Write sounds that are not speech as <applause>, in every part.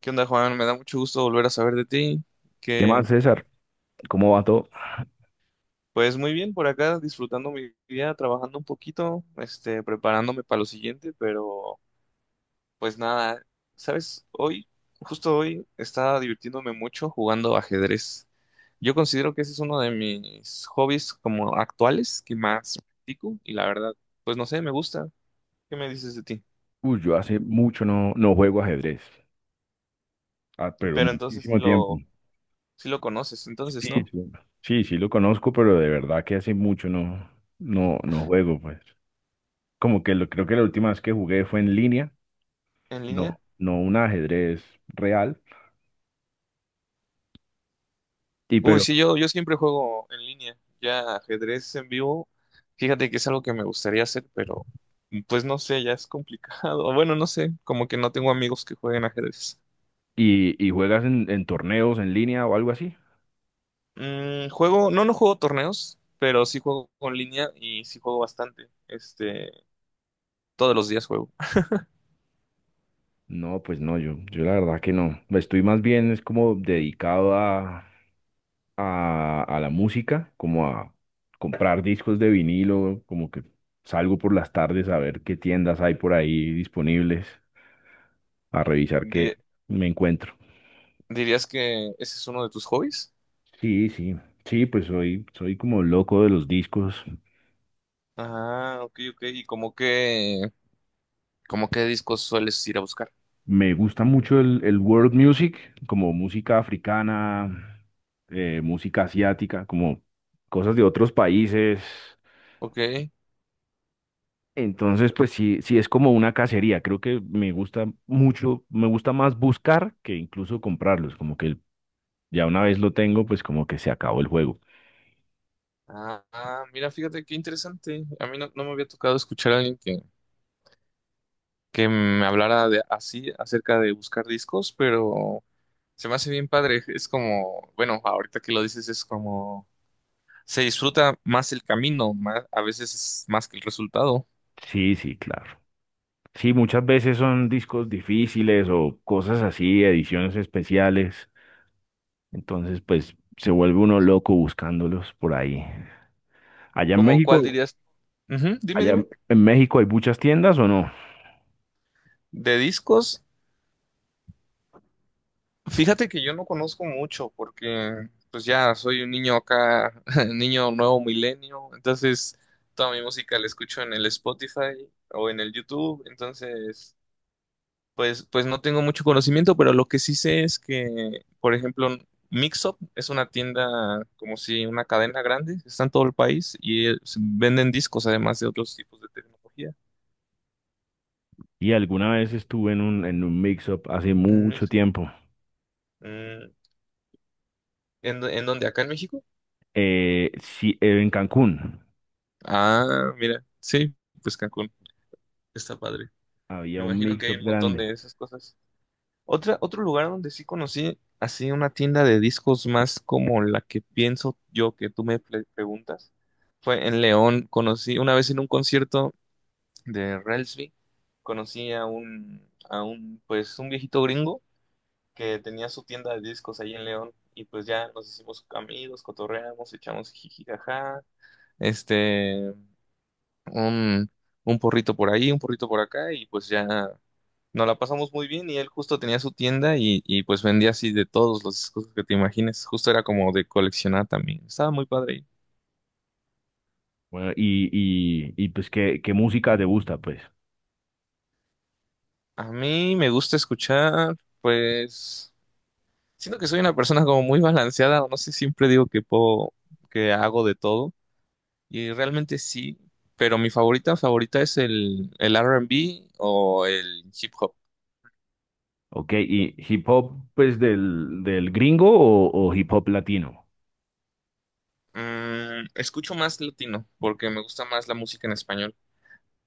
¿Qué onda, Juan? Me da mucho gusto volver a saber de ti. ¿Qué más, Que César? ¿Cómo va todo? pues muy bien por acá, disfrutando mi día, trabajando un poquito, preparándome para lo siguiente, pero pues nada, ¿sabes? Justo hoy, estaba divirtiéndome mucho jugando ajedrez. Yo considero que ese es uno de mis hobbies como actuales que más practico y la verdad, pues no sé, me gusta. ¿Qué me dices de ti? Uy, yo hace mucho no juego ajedrez, ah, pero Pero entonces muchísimo tiempo. Sí lo conoces, Sí, entonces, ¿no? sí, sí, sí lo conozco, pero de verdad que hace mucho no juego, pues. Como que lo, creo que la última vez que jugué fue en línea, ¿En línea? no, no un ajedrez real. Y Uy, pero, sí, yo siempre juego en línea. Ya ajedrez en vivo, fíjate que es algo que me gustaría hacer, pero pues no sé, ya es complicado. <laughs> O bueno, no sé, como que no tengo amigos que jueguen ajedrez. ¿y juegas en torneos en línea o algo así? Mm, juego, no juego torneos, pero sí juego en línea y sí juego bastante. Todos los días juego. No, pues no, yo la verdad que no. Estoy más bien es como dedicado a a la música, como a comprar discos de vinilo, como que salgo por las tardes a ver qué tiendas hay por ahí disponibles, a revisar qué Di- me encuentro. ¿Dirías que ese es uno de tus hobbies? Sí, sí, sí, pues soy, soy como loco de los discos. Ah, ok, ok. ¿Y como qué discos sueles ir a buscar? Me gusta mucho el world music, como música africana, música asiática, como cosas de otros países. Ok. Entonces, pues sí, sí es como una cacería. Creo que me gusta mucho, me gusta más buscar que incluso comprarlos. Como que ya una vez lo tengo, pues como que se acabó el juego. Ah, ah, mira, fíjate qué interesante. A mí no me había tocado escuchar a alguien que me hablara de, así acerca de buscar discos, pero se me hace bien padre. Es como, bueno, ahorita que lo dices es como, se disfruta más el camino, más, a veces es más que el resultado. Sí, sí, claro. Sí, muchas veces son discos difíciles o cosas así, ediciones especiales. Entonces, pues se vuelve uno loco buscándolos por ahí. Allá en Como, ¿cuál México, dirías? Ujú, dime, allá dime. en México hay muchas tiendas o no? ¿De discos? Fíjate que yo no conozco mucho porque pues ya soy un niño acá, <laughs> niño nuevo milenio, entonces toda mi música la escucho en el Spotify o en el YouTube, entonces pues no tengo mucho conocimiento, pero lo que sí sé es que, por ejemplo, Mixup es una tienda como si una cadena grande, está en todo el país y venden discos además de otros tipos de tecnología. Y alguna vez estuve en un mix-up hace Mm, mucho tiempo. mm. En dónde? ¿Acá en México? Sí, en Cancún. Ah, mira, sí, pues Cancún, está padre. Había Me un imagino que hay mix-up un montón grande. de esas cosas. Otro lugar donde sí conocí así una tienda de discos más como la que pienso yo que tú me preguntas fue en León. Conocí una vez en un concierto de Relsby, conocí a un, pues un viejito gringo que tenía su tienda de discos ahí en León y pues ya nos hicimos amigos, cotorreamos, echamos jiji, este, un, un porrito por ahí, un porrito por acá y pues ya. Nos la pasamos muy bien y él justo tenía su tienda y pues vendía así de todos los discos que te imagines. Justo era como de coleccionar también. Estaba muy padre. Bueno, y pues, ¿qué música te gusta, pues? A mí me gusta escuchar, pues siento que soy una persona como muy balanceada. No sé, siempre digo que que hago de todo y realmente sí, pero mi favorita favorita es el R&B o el hip hop. Ok, ¿y hip hop, pues, del gringo o hip hop latino? Mm, escucho más latino porque me gusta más la música en español.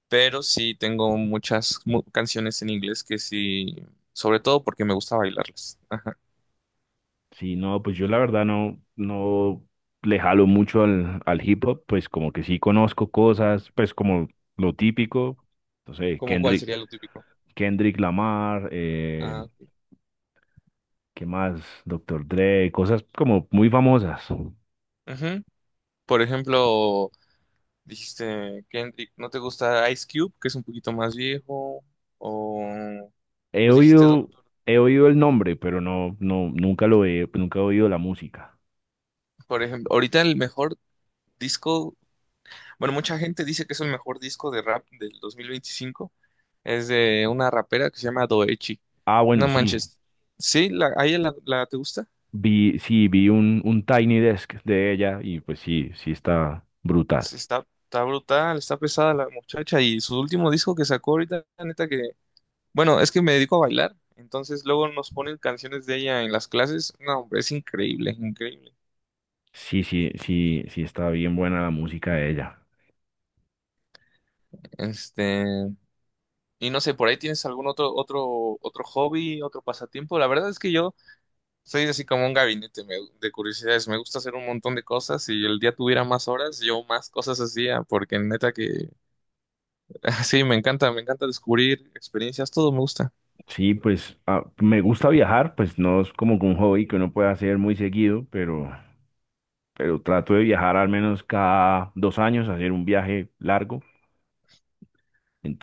Pero sí tengo muchas canciones en inglés que sí, sobre todo porque me gusta bailarlas. Ajá. Sí, no, pues yo la verdad no, no le jalo mucho al hip hop, pues como que sí conozco cosas, pues como lo típico, no sé, ¿Cómo cuál Kendrick, sería lo típico? Kendrick Lamar, Ah, ok. ¿qué más? Doctor Dre, cosas como muy famosas. Ujú. Por ejemplo, dijiste Kendrick, ¿no te gusta Ice Cube, que es un poquito más viejo? O He pues dijiste oído, Doctor, he oído el nombre, pero no, no, nunca lo he, nunca he oído la música. por ejemplo, ahorita el mejor disco, bueno, mucha gente dice que es el mejor disco de rap del 2025, es de una rapera que se llama Doechi. Ah, No bueno, manches. ¿Sí? ¿La, a ella te gusta? Sí, vi un Tiny Desk de ella y pues sí, sí está brutal. Sí, está, está brutal, está pesada la muchacha y su último disco que sacó ahorita, la neta que, bueno, es que me dedico a bailar, entonces luego nos ponen canciones de ella en las clases, no, hombre, es increíble, increíble. Sí, sí, sí, sí está bien buena la música de ella. Este, y no sé, por ahí tienes algún otro hobby, otro pasatiempo. La verdad es que yo soy así como un gabinete de curiosidades, me gusta hacer un montón de cosas y el día tuviera más horas, yo más cosas hacía, porque neta que, <laughs> sí, me encanta descubrir experiencias, todo me gusta. Sí, pues ah, me gusta viajar, pues no es como que un hobby que uno puede hacer muy seguido, pero trato de viajar al menos cada 2 años, hacer un viaje largo.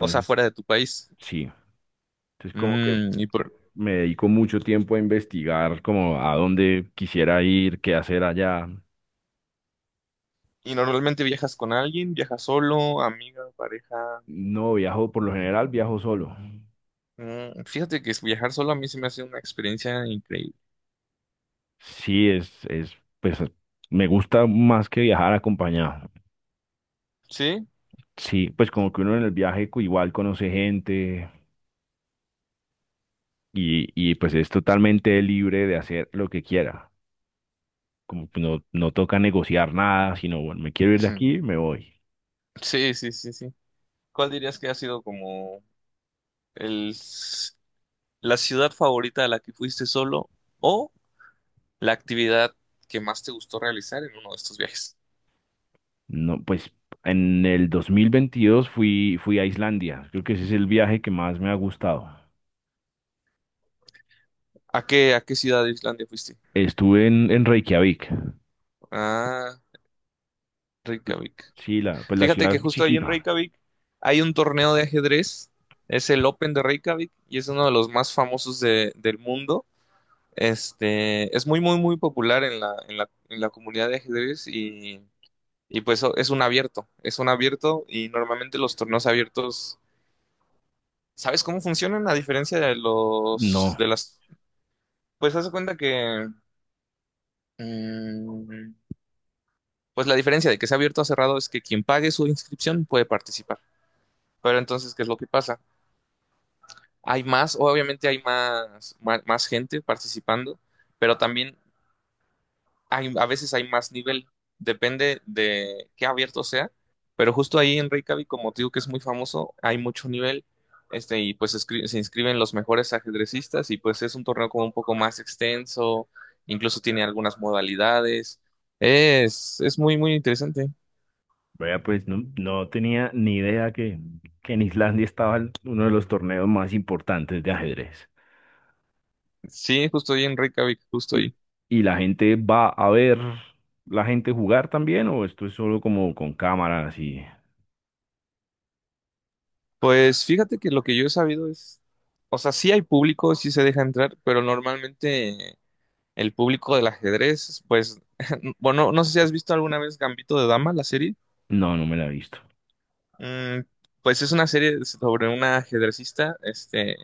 O sea, fuera de tu país. sí. Entonces, como que Mm, y por... me dedico mucho tiempo a investigar como a dónde quisiera ir, qué hacer allá. ¿Y normalmente viajas con alguien? ¿Viajas solo, amiga, pareja? No viajo, por lo general viajo solo. Mm, fíjate que viajar solo a mí se me hace una experiencia increíble. Sí, es, pues me gusta más que viajar acompañado. ¿Sí? Sí, pues como que uno en el viaje co- igual conoce gente y pues es totalmente libre de hacer lo que quiera. Como que no, no toca negociar nada, sino bueno, me quiero ir de Ujú. aquí, me voy. Sí, sí, sí, sí. ¿Cuál dirías que ha sido como el, s- la ciudad favorita a la que fuiste solo o la actividad que más te gustó realizar en uno de estos viajes? No, pues en el 2022 fui, fui a Islandia. Creo que ese es el viaje que más me ha gustado. A qué ciudad de Islandia fuiste? Estuve en Reykjavik. Ah, Reykjavik. Sí, la, pues la Fíjate ciudad que es justo ahí en chiquita. Reykjavik hay un torneo de ajedrez, es el Open de Reykjavik y es uno de los más famosos del mundo. Es muy, muy, muy popular en en la comunidad de ajedrez y pues es un abierto y normalmente los torneos abiertos, ¿sabes cómo funcionan? A diferencia de No, de las, pues haz de cuenta que, mm, pues la diferencia de que sea abierto o cerrado es que quien pague su inscripción puede participar. Pero entonces, ¿qué es lo que pasa? Hay más, obviamente hay más gente participando, pero también hay, a veces hay más nivel, depende de qué abierto sea, pero justo ahí en Reykjavik, como te digo que es muy famoso, hay mucho nivel, y pues se inscriben los mejores ajedrecistas y pues es un torneo como un poco más extenso, incluso tiene algunas modalidades, es muy, muy interesante. vea, pues no, no tenía ni idea que en Islandia estaba el- uno de los torneos más importantes de ajedrez. Sí, justo ahí en Reykjavik, justo ¿Y, ahí. y la gente va a ver la gente jugar también o esto es solo como con cámaras y... Pues fíjate que lo que yo he sabido es, o sea, sí hay público, sí se deja entrar, pero normalmente el público del ajedrez, pues, <laughs> bueno, no sé si has visto alguna vez Gambito de Dama, la serie. No, no me la he visto. Mm, pues es una serie sobre una ajedrecista,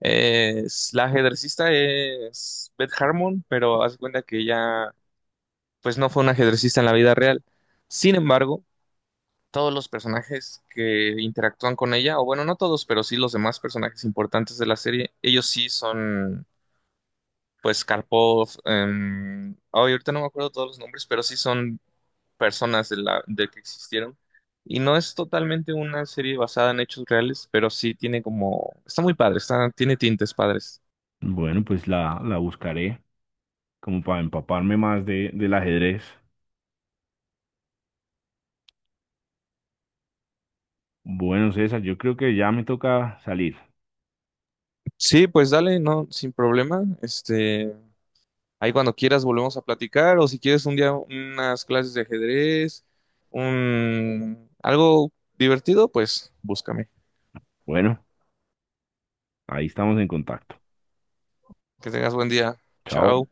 es, la ajedrecista es Beth Harmon, pero haz de cuenta que ella, pues no fue una ajedrecista en la vida real. Sin embargo, todos los personajes que interactúan con ella, o bueno, no todos, pero sí los demás personajes importantes de la serie, ellos sí son, pues, Karpov, ay, ahorita no me acuerdo todos los nombres, pero sí son personas de de que existieron. Y no es totalmente una serie basada en hechos reales, pero sí tiene como, está muy padre, está, tiene tintes padres. Bueno, pues la buscaré como para empaparme más de, del ajedrez. Bueno, César, yo creo que ya me toca salir. Sí, pues dale, no, sin problema. Ahí cuando quieras volvemos a platicar o si quieres un día unas clases de ajedrez, un algo divertido, pues búscame. Bueno, ahí estamos en contacto. Que tengas buen día. Chao. Chao.